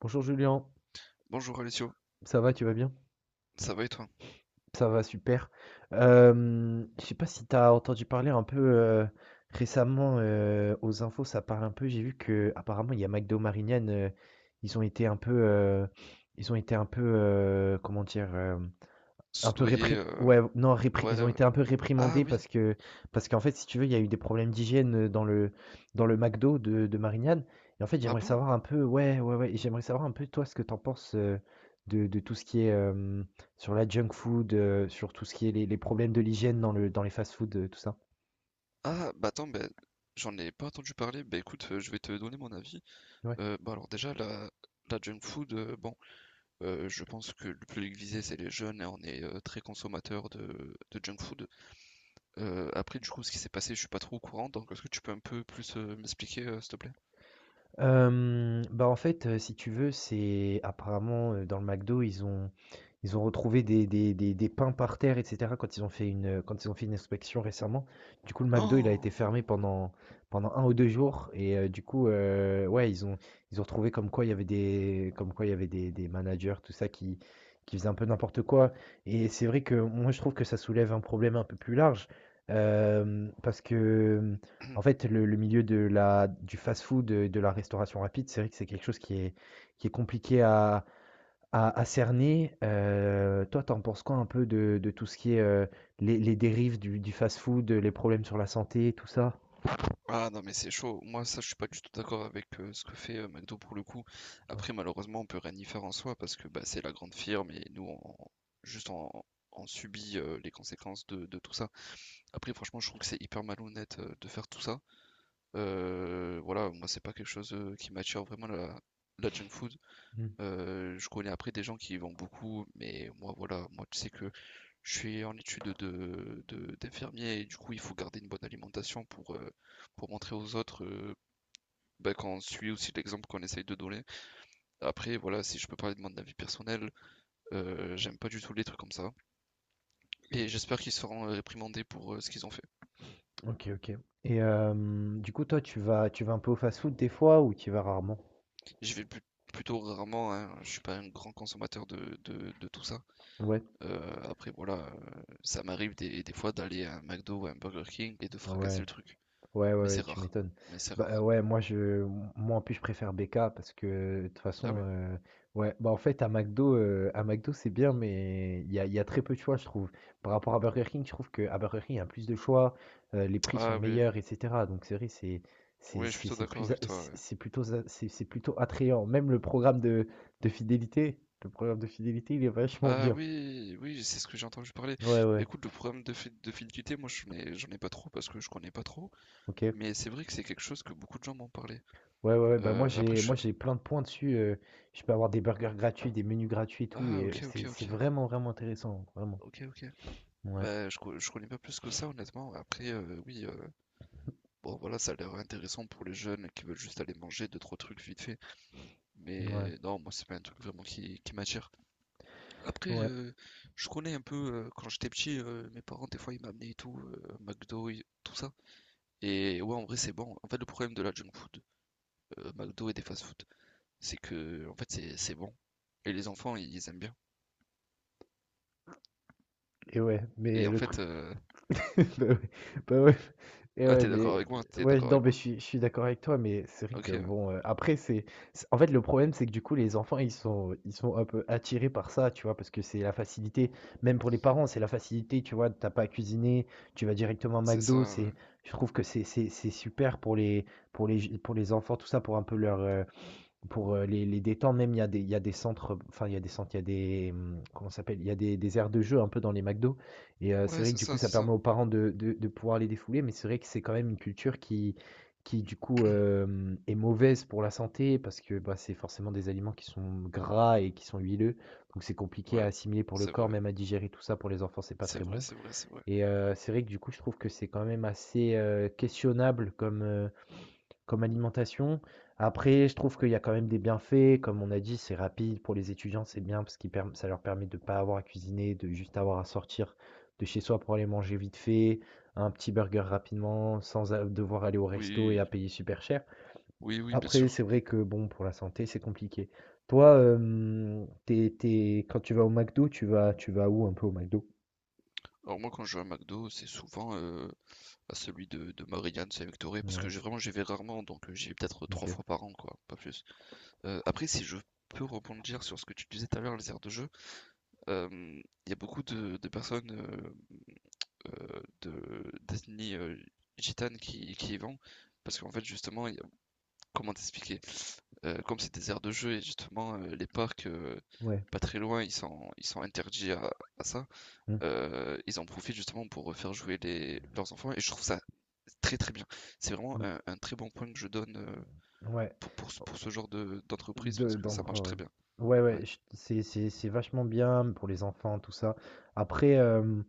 Bonjour Julien, Bonjour Alessio, ça va, tu vas bien? ça va et toi? Ça va, super. Je sais pas si tu as entendu parler un peu récemment aux infos, ça parle un peu. J'ai vu que apparemment il y a McDo Marignane, ils ont été un peu, euh, ils ont été un peu, comment dire, Un peu Soudoyer, réprim ouais, non, répri ils ouais, ont ouais. été un peu Ah réprimandés oui, parce que parce qu'en fait, si tu veux, il y a eu des problèmes d'hygiène, dans le McDo de Marignane et en fait, ah j'aimerais bon? savoir un peu ouais, ouais, ouais, et j'aimerais savoir un peu toi ce que t'en penses, de tout ce qui est, sur la junk food, sur tout ce qui est les problèmes de l'hygiène dans le dans les fast-food, tout ça? Ah bah attends, ben j'en ai pas entendu parler, bah écoute, je vais te donner mon avis. Ouais. Bah alors déjà, la junk food, bon, je pense que le public visé c'est les jeunes et on est très consommateur de junk food. Après du coup, ce qui s'est passé, je suis pas trop au courant, donc est-ce que tu peux un peu plus m'expliquer, s'il te plaît? Hem, bah, en fait, si tu veux, c'est apparemment, dans le McDo, ils ont retrouvé des pains par terre et cetera quand ils ont fait quand ils ont fait une inspection récemment. Du coup, le McDo, il a été Oh! fermé pendant un ou 2 jours et ouais, ils ont retrouvé comme quoi il y avait des managers, tout ça, qui faisaient un peu n'importe quoi et c'est vrai que moi, je trouve que ça soulève un problème un peu plus large, hem, parce que, en fait, le milieu de la du fast-food, de la restauration rapide, c'est vrai que c'est quelque chose qui est compliqué à cerner. Toi, t'en penses quoi un peu de tout ce qui est les dérives du fast-food, les problèmes sur la santé, tout ça? Ah non mais c'est chaud, moi ça je suis pas du tout d'accord avec ce que fait McDo pour le coup. Ouais. Après malheureusement on peut rien y faire en soi parce que bah, c'est la grande firme et nous on, juste on subit les conséquences de tout ça. Après franchement je trouve que c'est hyper malhonnête de faire tout ça. Voilà, moi c'est pas quelque chose qui m'attire vraiment la junk food. Mm. Je connais après des gens qui y vont beaucoup mais moi voilà, moi tu sais que je suis en étude de- d'infirmier et du coup il faut garder une bonne alimentation pour montrer aux autres bah, qu'on suit aussi l'exemple qu'on essaye de donner. Après, voilà, si je peux parler de mon avis personnel, j'aime pas du tout les trucs comme ça. Et j'espère qu'ils seront réprimandés pour ce qu'ils ont fait. Ok, ok. Et du coup, toi, tu vas un peu au fast-food des fois ou tu y vas rarement? J'y vais plus- plutôt rarement, hein, je suis pas un grand consommateur de tout ça. Ouais, Après, voilà, ça m'arrive des fois d'aller à un McDo ou à un Burger King et de fracasser ouais. le truc. Ouais, ouais, Mais c'est ouais, tu rare. m'étonnes. Mais c'est Bah, heu, rare. ouais, moi, je moi, en plus, je préfère BK parce que, de toute Ah oui? façon, en fait, à McDo, c'est bien, mais il y a très peu de choix, je trouve. Par rapport à Burger King, je trouve qu'à Burger King, il y a plus de choix, les prix sont Ah oui. meilleurs et cetera. Donc c'est vrai, Oui, je suis plutôt c'est d'accord plus a avec toi, ouais. c'est plutôt za c'est plutôt attrayant. Même le programme de fidélité, le programme de fidélité, il est vachement Ah bien. oui, oui, c'est ce que j'ai entendu parler. Ouais, Bah ouais, écoute, le programme de, fid- de fidélité, moi j'en ai pas trop parce que je connais pas trop, OK. mais c'est vrai que c'est quelque chose que beaucoup de gens m'ont parlé. Ouais, ouais, ouais, bah Après, je... moi j'ai plein de points dessus. Je peux avoir des burgers gratuits, des menus gratuits et tout. Ah Et ok, ok, c'est ok, vraiment intéressant. Vraiment. ok, ok. Ouais, Bah je, co- je connais pas plus que ça honnêtement. Après, oui, bon voilà, ça a l'air intéressant pour les jeunes qui veulent juste aller manger deux, trois trucs vite fait, ouais, mais non, moi c'est pas un truc vraiment qui m'attire. Après, ouais. Je connais un peu, quand j'étais petit, mes parents des fois ils m'amenaient et tout, McDo, et tout ça. Et ouais, en vrai, c'est bon. En fait, le problème de la junk food, McDo et des fast food, c'est que, en fait, c'est bon. Et les enfants, ils aiment bien. Et ouais. Mais Et en le truc. fait, Bah ouais, bah ouais. Et ah, ouais, t'es d'accord mais avec moi, t'es ouais, d'accord non, avec mais moi. Je suis d'accord avec toi, mais c'est vrai Ok, que ouais. bon, en fait, le problème, c'est que du coup, les enfants, ils sont un peu attirés par ça, tu vois, parce que c'est la facilité, même pour les parents, c'est la facilité, tu vois, t'as pas à cuisiner, tu vas directement à C'est McDo, ça, ouais. Je trouve que c'est super pour les enfants, tout ça, pour un peu les détendre même, il y a des il y a des centres, enfin, il y a des centres, il y a des, comment ça s'appelle? Il y a des aires de jeux un peu dans les McDo et c'est Ouais, vrai que c'est du coup, ça, ça c'est permet ça. aux parents de pouvoir les défouler, mais c'est vrai que c'est quand même une culture qui du coup, est mauvaise pour la santé parce que, bah, c'est forcément des aliments qui sont gras et qui sont huileux, donc c'est compliqué à Ouais, assimiler pour le c'est corps, vrai. même à digérer tout ça pour les enfants, c'est pas très C'est vrai, bon c'est vrai, c'est vrai. et c'est vrai que du coup, je trouve que c'est quand même assez, questionnable comme comme alimentation, après je trouve qu'il y a quand même des bienfaits, comme on a dit, c'est rapide pour les étudiants, c'est bien parce qu'ils perm ça leur permet de ne pas avoir à cuisiner, de juste avoir à sortir de chez soi pour aller manger vite fait, un petit burger rapidement, sans a devoir aller au resto et Oui, à payer super cher. oui, oui, bien Après, sûr. c'est vrai que bon, pour la santé, c'est compliqué. Toi, hem, tu es quand tu vas au McDo, tu vas où un peu au McDo? Alors moi, quand je vais à McDo, c'est souvent à celui de Marianne, Saint-Victoré, parce que Ouais, j'ai vraiment, j'y vais rarement, donc j'y vais peut-être trois OK. fois par an, quoi, pas plus. Après, si je peux rebondir sur ce que tu disais tout à l'heure, les aires de jeu, il y a beaucoup de personnes de d'ethnie, gitane qui y vont parce qu'en fait, justement, il y a comment t'expliquer? Comme c'est des aires de jeu et justement, les parcs, Ouais. pas très loin, ils sont interdits à ça, Mmh ils en profitent justement pour, faire jouer les leurs enfants et je trouve ça très, très bien. C'est vraiment mh. Un très bon point que je donne, Ouais. Pour ce genre de d'entreprise parce De que ça marche d'endroits, ouais. très bien. Ouais, Ouais. ouais, ch c'est vachement bien pour les enfants, tout ça. Après,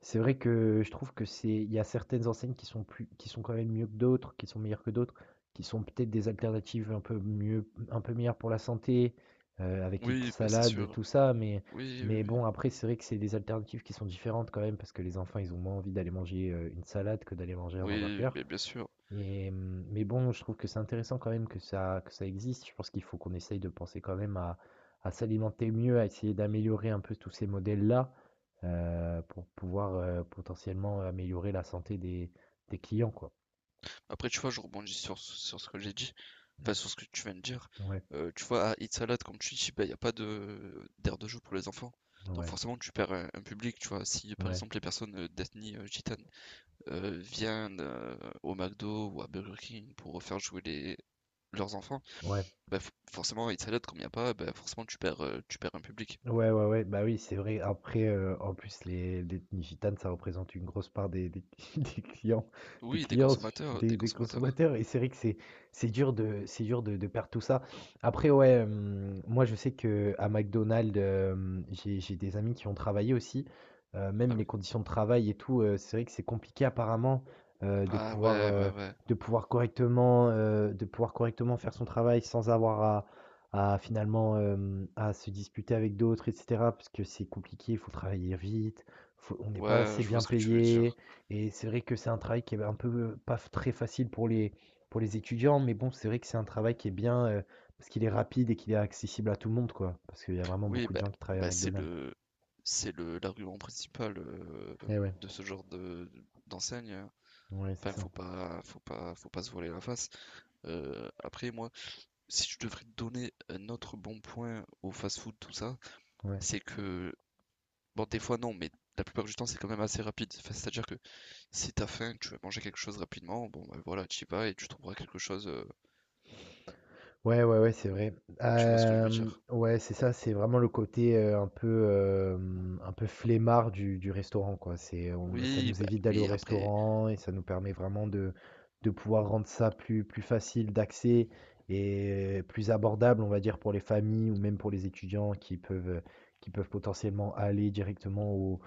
c'est vrai que je trouve que c'est il y a certaines enseignes qui sont quand même mieux que d'autres, qui sont meilleures que d'autres, qui sont peut-être des alternatives un peu mieux un peu meilleures pour la santé, avec une Oui, bah, c'est salade, sûr. tout ça, mais Oui, oui, mais oui. bon, après, c'est vrai que c'est des alternatives qui sont différentes quand même parce que les enfants, ils ont moins envie d'aller manger, une salade que d'aller manger un Oui, hamburger. mais bien sûr. Et, mais bon, je trouve que c'est intéressant quand même que ça existe. Je pense qu'il faut qu'on essaye de penser quand même à s'alimenter mieux, à essayer d'améliorer un peu tous ces modèles-là pour pouvoir potentiellement améliorer la santé des clients, quoi. Après, tu vois, je rebondis sur, sur ce que j'ai dit, Mm. pas sur ce que tu viens de dire. Ouais, Tu vois, à It's a comme tu dis, il n'y a pas de d'aire de jeu pour les enfants. Donc ouais, forcément, tu perds un public, tu vois. Si par ouais, exemple les personnes d'ethnie gitane viennent au McDo ou à Burger King pour faire jouer les, leurs enfants, ouais. bah, f- forcément, It's a comme il n'y a pas, bah, forcément, tu perds un public. Ouais, ouais, ouais, bah oui, c'est vrai. Après, en plus, les l'ethnie gitane, ça représente une grosse part des des clients des Oui, des clients, consommateurs, des des consommateurs. consommateurs et c'est vrai que c'est dur de perdre tout ça. Après, ouais, moi, je sais que à McDonald's, hem, j'ai des amis qui ont travaillé aussi, Ah même les oui. conditions de travail et tout, c'est vrai que c'est compliqué apparemment, heu, de Ah pouvoir, ouais, ouais, heu, ouais. De pouvoir correctement faire son travail sans avoir à finalement à se disputer avec d'autres et cetera, parce que c'est compliqué, il faut travailler vite, faut on n'est pas Ouais, assez je vois bien ce que tu veux payé dire. et c'est vrai que c'est un travail qui est un peu pas f très facile pour les étudiants, mais bon, c'est vrai que c'est un travail qui est bien, parce qu'il est rapide et qu'il est accessible à tout le monde, quoi. Parce qu'il y a vraiment Oui, beaucoup de bah, gens qui travaillent à bah, McDonald's. C'est le, l'argument principal Et ouais, de ce genre de, d'enseigne. ouais, c'est Enfin, ça. faut pas, faut pas, faut pas se voiler la face. Après, moi, si je devrais donner un autre bon point au fast-food, tout ça, Ouais. c'est que, bon, des fois non, mais la plupart du temps, c'est quand même assez rapide. Enfin, c'est-à-dire que si t'as faim, tu veux manger quelque chose rapidement, bon, bah, voilà, tu y vas et tu trouveras quelque chose. Ouais, ouais, ouais, c'est vrai. Tu vois ce que je veux dire? Ouais, c'est ça, c'est vraiment le côté, un peu flemmard du restaurant, quoi. C'est on ça Oui, nous bah, évite d'aller au oui, après, restaurant et ça nous permet vraiment de pouvoir rendre ça plus facile d'accès et plus abordable, on va dire, pour les familles ou même pour les étudiants qui peuvent potentiellement aller directement au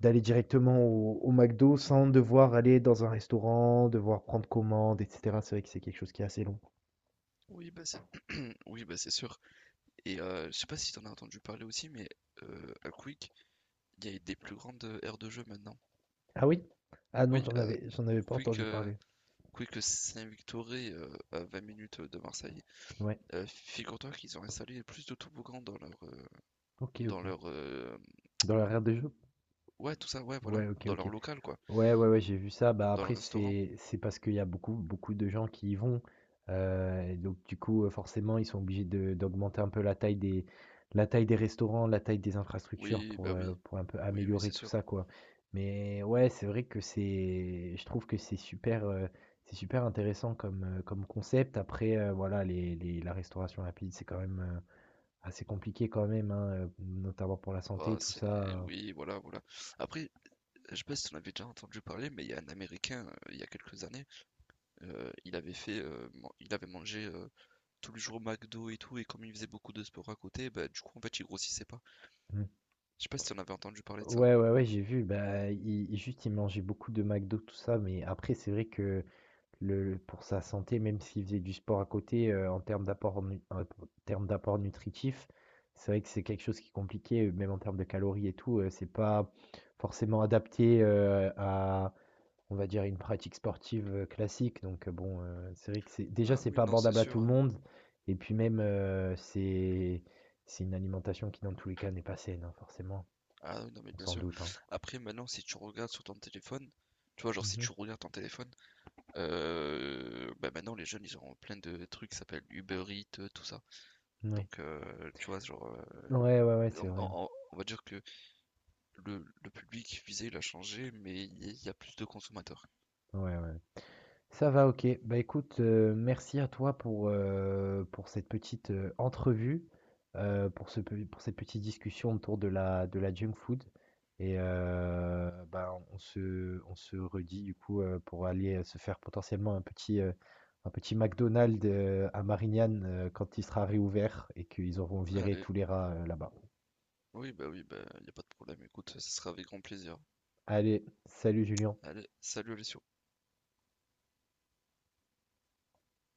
d'aller directement au McDo sans devoir aller dans un restaurant, devoir prendre commande et cetera. C'est vrai que c'est quelque chose qui est assez long. oui, bah, c'est, oui, bah, c'est sûr. Et je sais pas si t'en as entendu parler aussi, mais à Quick, il y a des plus grandes aires de jeu maintenant. Ah oui? Ah non, Oui, j'en avais pas Quick, entendu parler. Quick Saint-Victoré, à 20 minutes de Marseille. Ouais, Figure-toi qu'ils ont installé plus de toboggans OK, dans OK. leur, Dans l'arrière des jeux? ouais, tout ça, ouais, voilà, Ouais, OK, dans leur OK. local, quoi, Ouais, ouais, ouais, j'ai vu ça. Bah dans le après, restaurant. c'est parce qu'il y a beaucoup, beaucoup de gens qui y vont. Et donc du coup, forcément, ils sont obligés de d'augmenter un peu la taille des restaurants, la taille des infrastructures Oui, bah oui, pour un peu oui, oui, améliorer c'est tout sûr. ça, quoi. Mais ouais, c'est vrai que c'est je trouve que c'est super intéressant comme, comme concept. Après, voilà, la restauration rapide, c'est quand même. Ah, c'est compliqué quand même, hein, notamment pour la Bah, santé, tout c'est, ça. Oui, voilà, voilà. Après, je sais pas si t'en avais déjà entendu parler, mais il y a un Américain, il y a quelques années, il avait fait, il avait mangé tous les jours au McDo et tout, et comme il faisait beaucoup de sport à côté, bah, du coup, en fait, il grossissait pas. Mmh. Je sais pas si t'en avais entendu parler de ça. Ouais, ouais, ouais, j'ai vu, juste, il mangeait beaucoup de McDo, tout ça, mais après, c'est vrai que le pour sa santé, même s'il faisait du sport à côté, en termes d'apport nutritif, c'est vrai que c'est quelque chose qui est compliqué, même en termes de calories et tout, c'est pas forcément adapté, à on va dire, une pratique sportive, classique donc bon, c'est vrai que Ah c'est oui, pas non, c'est abordable à sûr, tout le hein. monde et puis même, c'est une alimentation qui, dans tous les cas, n'est pas saine, hein, forcément. Ah oui, non, mais On bien s'en sûr. doute, hein. Après, maintenant, si tu regardes sur ton téléphone, tu vois, genre, si Mmh mh. tu regardes ton téléphone, bah maintenant, les jeunes, ils ont plein de trucs qui s'appellent Uber Eats, tout ça. Donc, tu vois, genre, Ouais, ouais, ouais, c'est vrai. On va dire que le public visé, il a changé, mais il y a plus de consommateurs. Ouais, ouais. Ça va, OK. Bah, écoute, merci à toi pour cette petite, entrevue, pour ce pe pour cette petite discussion autour de la junk food et bah, on se redit du coup, pour aller, se faire potentiellement un petit McDonald's, à Marignane, quand il sera réouvert et qu'ils auront viré Allez, tous les rats, là-bas. Oui, bah, il n'y a pas de problème. Écoute, ce sera avec grand plaisir. Allez, salut Julien. Allez, salut les